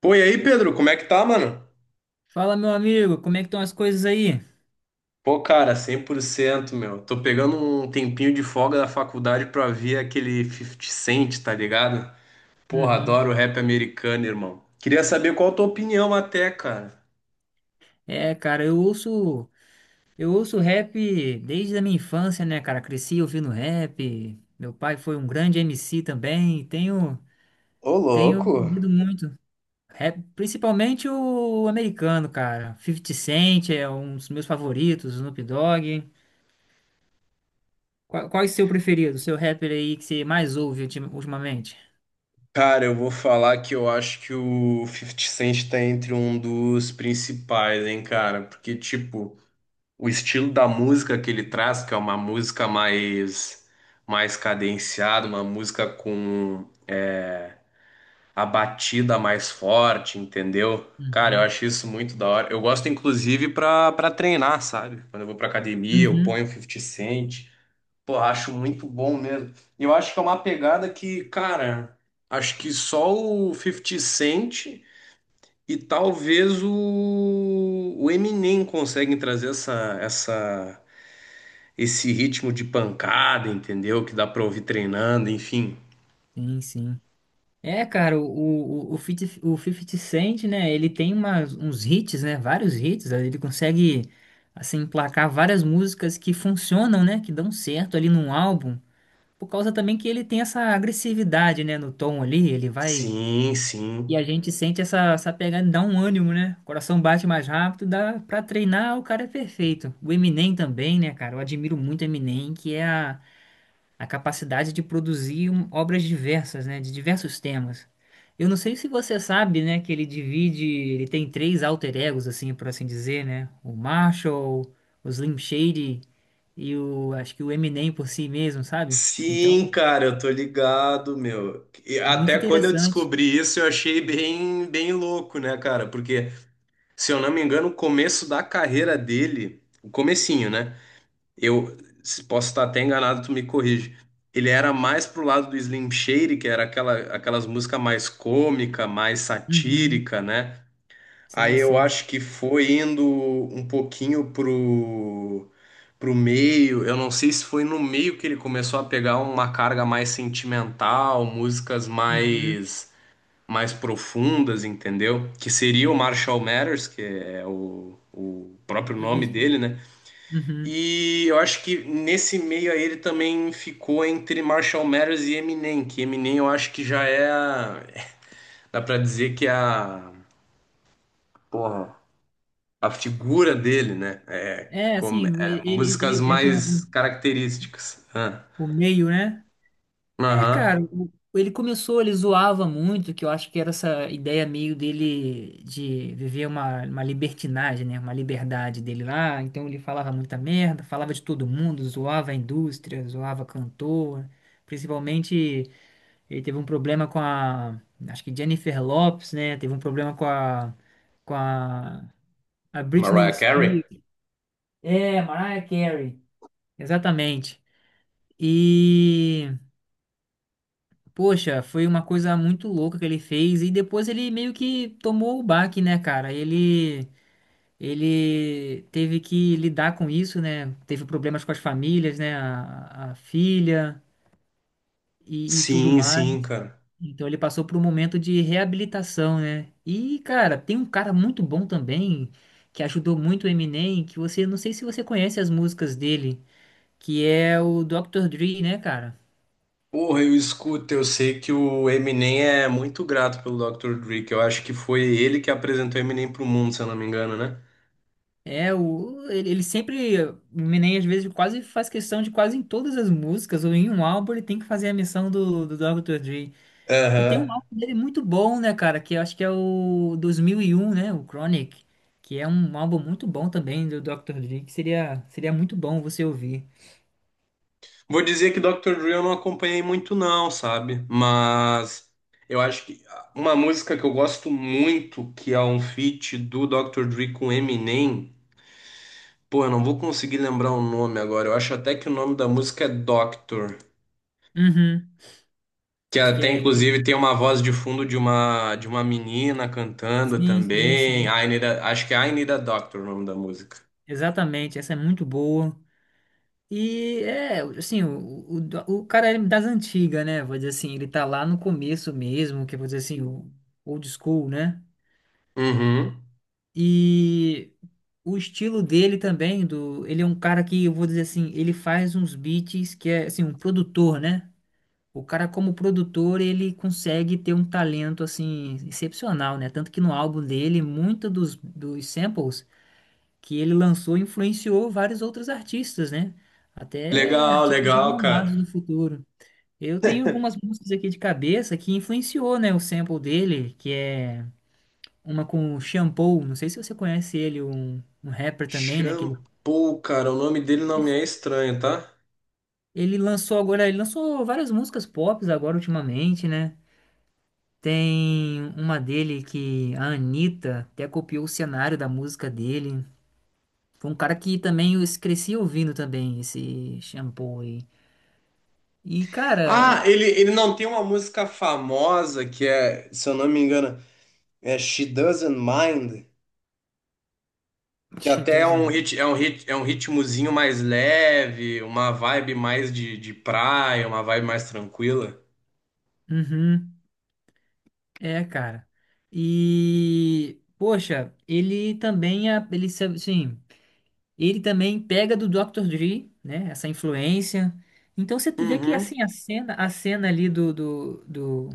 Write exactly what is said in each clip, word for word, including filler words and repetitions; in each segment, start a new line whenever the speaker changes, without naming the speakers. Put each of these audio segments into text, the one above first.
Pô, e aí, Pedro, como é que tá, mano?
Fala, meu amigo, como é que estão as coisas aí?
Pô, cara, cem por cento meu. Tô pegando um tempinho de folga da faculdade pra ver aquele Fifty Cent, tá ligado? Porra,
Uhum.
adoro rap americano, irmão. Queria saber qual a tua opinião até, cara.
É, cara, eu ouço, eu ouço rap desde a minha infância, né, cara? Cresci ouvindo rap. Meu pai foi um grande M C também. e Tenho,
Ô,
tenho
louco!
ouvido muito rap, principalmente o americano, cara. fifty Cent é um dos meus favoritos, Snoop Dogg. Qual, qual é o seu preferido, o seu rapper aí que você mais ouve ultim- ultimamente?
Cara, eu vou falar que eu acho que o Fifty Cent tá entre um dos principais, hein, cara? Porque, tipo, o estilo da música que ele traz, que é uma música mais, mais cadenciada, uma música com a batida mais forte, entendeu? Cara, eu
Uhum.
acho isso muito da hora. Eu gosto, inclusive, pra, pra treinar, sabe? Quando eu vou pra academia, eu
Uhum.
ponho fifty Cent. Pô, acho muito bom mesmo. E eu acho que é uma pegada que, cara, acho que só o fifty Cent e talvez o, o Eminem conseguem trazer essa, essa, esse ritmo de pancada, entendeu? Que dá pra ouvir treinando, enfim.
Sim, sim. É, cara, o, o, o, fifty, o fifty Cent, né? Ele tem umas, uns hits, né? Vários hits, né. Ele consegue, assim, emplacar várias músicas que funcionam, né? Que dão certo ali num álbum. Por causa também que ele tem essa agressividade, né? No tom ali, ele vai.
Sim, sim.
E a gente sente essa, essa pegada, dá um ânimo, né? O coração bate mais rápido, dá pra treinar, o cara é perfeito. O Eminem também, né, cara? Eu admiro muito o Eminem, que é a, a capacidade de produzir um- obras diversas, né, de diversos temas. Eu não sei se você sabe, né, que ele divide, ele tem três alter egos, assim, por assim dizer, né, o Marshall, o Slim Shady e o, acho que o Eminem por si mesmo, sabe? Então,
Sim, cara, eu tô ligado, meu. E
é muito
até quando eu
interessante.
descobri isso, eu achei bem, bem louco, né, cara? Porque, se eu não me engano, o começo da carreira dele, o comecinho, né? Eu se- Posso estar até enganado, tu me corrige. Ele era mais pro lado do Slim Shady, que era aquela, aquelas músicas mais cômica, mais
Uhum,
satírica, né? Aí
sim,
eu
sim.
acho que foi indo um pouquinho pro, pro meio. Eu não sei se foi no meio que ele começou a pegar uma carga mais sentimental, músicas
Uhum,
mais mais profundas, entendeu? Que seria o Marshall Mathers, que é o, o próprio nome
isso.
dele, né?
Uhum.
E eu acho que nesse meio aí ele também ficou entre Marshall Mathers e Eminem, que Eminem eu acho que já é a, dá pra dizer que é a, porra, a figura dele, né?
É,
Como-
assim, ele,
é,
ele,
músicas
ele- assim,
mais
o,
características. Ah,
o meio, né? É, cara,
aham.
o- ele começou, ele zoava muito, que eu acho que era essa ideia meio dele de viver uma, uma libertinagem, né? Uma liberdade dele lá. Então ele falava muita merda, falava de todo mundo, zoava a indústria, zoava cantor. Principalmente ele teve um problema com a, acho que Jennifer Lopez, né? Teve um problema com a, com a, a Britney
Mariah Carey?
Spears. É, Mariah Carey. Exatamente. E Poxa, foi uma coisa muito louca que ele fez e depois ele meio que tomou o baque, né, cara? Ele ele teve que lidar com isso, né? Teve problemas com as famílias, né? A, a filha e, e tudo
Sim,
mais.
sim, cara.
Então ele passou por um momento de reabilitação, né? E, cara, tem um cara muito bom também que ajudou muito o Eminem, que você não sei se você conhece as músicas dele, que é o doutor Dre, né, cara?
Porra, eu escuto, eu sei que o Eminem é muito grato pelo doutor Dre, que eu acho que foi ele que apresentou Eminem pro mundo, se eu não me engano, né?
É, o, ele, ele sempre, o Eminem às vezes quase faz questão de quase em todas as músicas, ou em um álbum ele tem que fazer a missão do, do doutor Dre. E tem
Aham.
um álbum dele muito bom, né, cara, que eu acho que é o dois mil e um, né, o Chronic, que é um álbum muito bom também do doutor Dre, que seria, seria muito bom você ouvir.
Vou dizer que doutor Dre eu não acompanhei muito não, sabe? Mas eu acho que uma música que eu gosto muito, que é um feat do doutor Dre com Eminem, pô, eu não vou conseguir lembrar o nome agora. Eu acho até que o nome da música é Doctor,
Uhum,
que
acho que
até
é... que-
inclusive tem uma voz de fundo de uma de uma menina cantando
Sim, sim,
também.
sim,
I Need a- acho que é I Need a Doctor o nome da música.
exatamente, essa é muito boa. E é, assim, o, o, o cara é das antigas, né? Vou dizer assim, ele tá lá no começo mesmo, que é, vou dizer assim, o old school, né?
Uhum.
E o estilo dele também, do, ele é um cara que, eu vou dizer assim, ele faz uns beats que é, assim, um produtor, né? O cara, como produtor, ele consegue ter um talento, assim, excepcional, né? Tanto que no álbum dele, muito dos, dos samples que ele lançou influenciou vários outros artistas, né? Até
Legal,
artistas
legal,
renomados do
cara.
futuro. Eu tenho algumas músicas aqui de cabeça que influenciou, né, o sample dele, que é uma com o Shampoo, não sei se você conhece ele, um, um rapper também, né, que ele,
Shampoo, cara, o nome dele não me é estranho, tá?
ele lançou agora, ele lançou várias músicas pop agora ultimamente, né? Tem uma dele que a Anitta até copiou o cenário da música dele. Foi um cara que também eu cresci ouvindo também esse Shampoo aí. E, cara, é.
Ah, ele, ele não tem uma música famosa que é, se eu não me engano, é She Doesn't Mind. Que
Ixi,
até é
Deus
um
amado.
rit, é um rit, é um ritmozinho mais leve, uma vibe mais de, de praia, uma vibe mais tranquila.
Uhum. É, cara. E, poxa, ele também, é- ele, sabe- sim, ele também pega do doutor Dre, né? Essa influência. Então você vê que
Uhum.
assim a cena, a cena ali do do, do,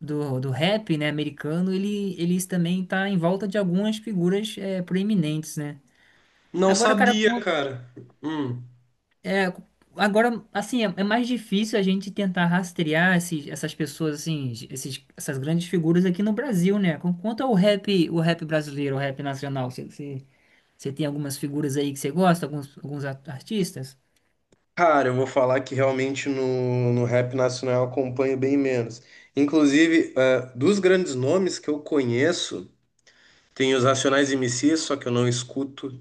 do, do rap, né, americano, ele, ele também tá em volta de algumas figuras é, proeminentes, né?
Não
Agora, cara,
sabia, cara. Hum.
É, agora, assim, é, é mais difícil a gente tentar rastrear esses, essas pessoas, assim, esses, essas grandes figuras aqui no Brasil, né? Com- Quanto ao rap, o rap brasileiro, o rap nacional, você você- você tem algumas figuras aí que você gosta, alguns, alguns a- artistas?
Cara, eu vou falar que realmente no, no rap nacional eu acompanho bem menos. Inclusive, eh, dos grandes nomes que eu conheço, tem os Racionais M Cs, só que eu não escuto,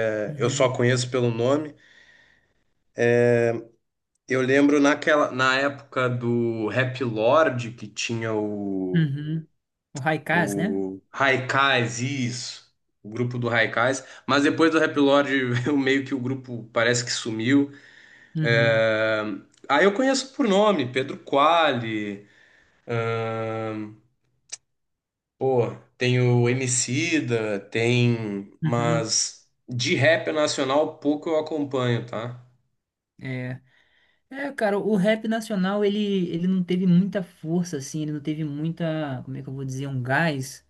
eh, eu só
Uhum.
conheço pelo nome. Eu lembro naquela, na época do Rap Lord, que tinha o
Uhum. O Haikaz, né?
O Haikais, isso. O grupo do Haikais. Mas depois do Rap Lord, eu meio que o grupo parece que sumiu.
Uhum.
É... Aí eu conheço por nome, Pedro Quali. ahn, Pô, tem o Emicida, tem...
Uhum.
Mas de rap nacional, pouco eu acompanho, tá?
É. É, cara, o rap nacional, ele, ele não teve muita força, assim, ele não teve muita, como é que eu vou dizer, um gás,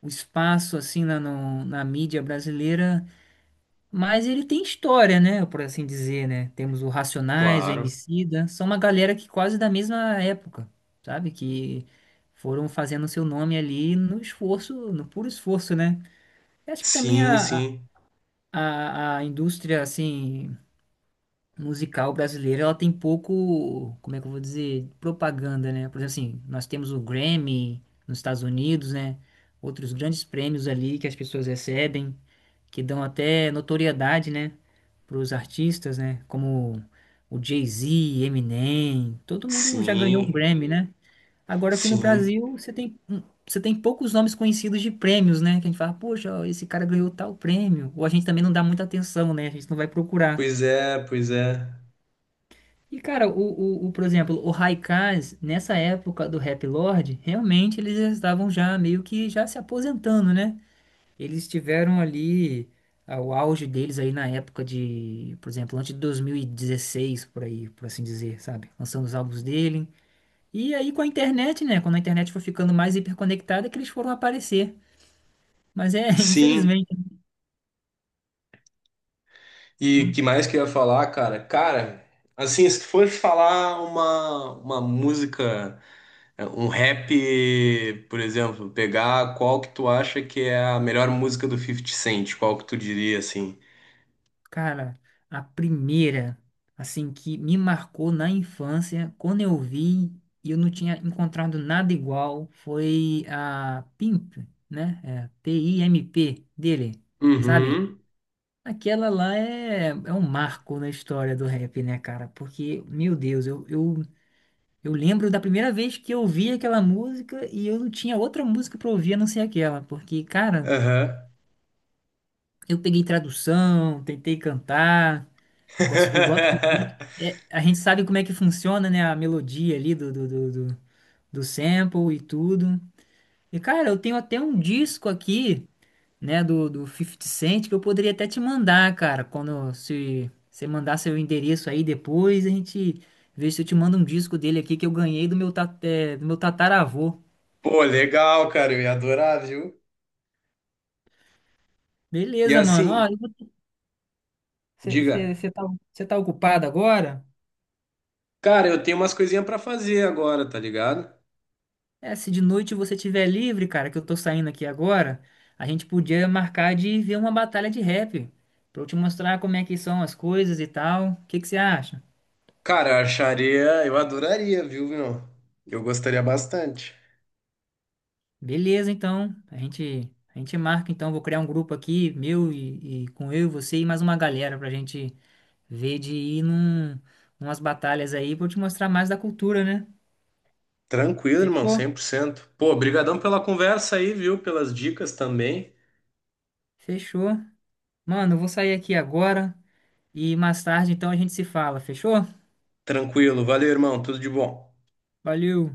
o espaço, assim, na, no- na mídia brasileira. Mas ele tem história, né? Por assim dizer, né? Temos o Racionais, o
Claro.
Emicida, são uma galera que quase da mesma época, sabe? Que foram fazendo seu nome ali no esforço, no puro esforço, né? Eu acho que também
Sim,
a,
sim.
a, a indústria, assim, musical brasileira, ela tem pouco, como é que eu vou dizer, propaganda, né? Por exemplo, assim, nós temos o Grammy nos Estados Unidos, né? Outros grandes prêmios ali que as pessoas recebem que dão até notoriedade, né, para os artistas, né, como o Jay-Z, Eminem, todo mundo já ganhou um
Sim,
Grammy, né? Agora aqui no
sim.
Brasil você tem hum, você tem poucos nomes conhecidos de prêmios, né? Que a gente fala, poxa, ó, esse cara ganhou tal prêmio. Ou a gente também não dá muita atenção, né? A gente não vai procurar.
Pois é, pois é.
E cara, o, o, o- por exemplo, o Haikais, nessa época do Rap Lord, realmente eles estavam já meio que já se aposentando, né? Eles tiveram ali ah, o auge deles aí na época de, por exemplo, antes de dois mil e dezesseis por aí, por assim dizer, sabe? Lançando os álbuns dele. E aí com a internet, né? Quando a internet foi ficando mais hiperconectada, que eles foram aparecer. Mas é,
Sim.
infelizmente,
E que
hum,
mais que eu ia falar, cara? Cara, assim, se for falar uma, uma música, é, um rap, por exemplo, pegar qual que tu acha que é a melhor música do Fifty Cent, qual que tu diria, assim?
cara, a primeira, assim, que me marcou na infância, quando eu vi e eu não tinha encontrado nada igual, foi a Pimp, né? É, P-I-M-P dele, sabe?
Uhum,
Aquela lá é, é um marco na história do rap, né, cara? Porque, meu Deus, eu, eu, eu lembro da primeira vez que eu ouvi aquela música e eu não tinha outra música pra ouvir a não ser aquela. Porque, cara,
aham.
eu peguei tradução, tentei cantar, gosto, eu gosto do beat. É, a gente sabe como é que funciona, né, a melodia ali do, do, do, do, do sample e tudo. E, cara, eu tenho até um disco aqui, né, do, do Fifty Cent, que eu poderia até te mandar, cara, quando se você mandar seu endereço aí depois, a gente vê se eu te mando um disco dele aqui que eu ganhei do meu, ta- é, do meu tataravô.
Pô, legal, cara, eu ia adorar, viu? E
Beleza, mano. Ó,
assim, diga,
você tá, cê tá ocupado agora?
cara, eu tenho umas coisinhas pra fazer agora, tá ligado?
É, se de noite você tiver livre, cara, que eu tô saindo aqui agora, a gente podia marcar de ver uma batalha de rap, pra eu te mostrar como é que são as coisas e tal. O que que você acha?
Cara, eu acharia, eu adoraria, viu, meu? Eu gostaria bastante.
Beleza, então. A gente, a gente marca, então. Vou criar um grupo aqui, meu e, e com eu e você e mais uma galera pra gente ver de ir num, umas batalhas aí pra eu te mostrar mais da cultura, né?
Tranquilo, irmão,
Fechou?
cem por cento. Pô, brigadão pela conversa aí, viu? Pelas dicas também.
Fechou. Mano, eu vou sair aqui agora e mais tarde, então, a gente se fala. Fechou?
Tranquilo, valeu, irmão, tudo de bom.
Valeu!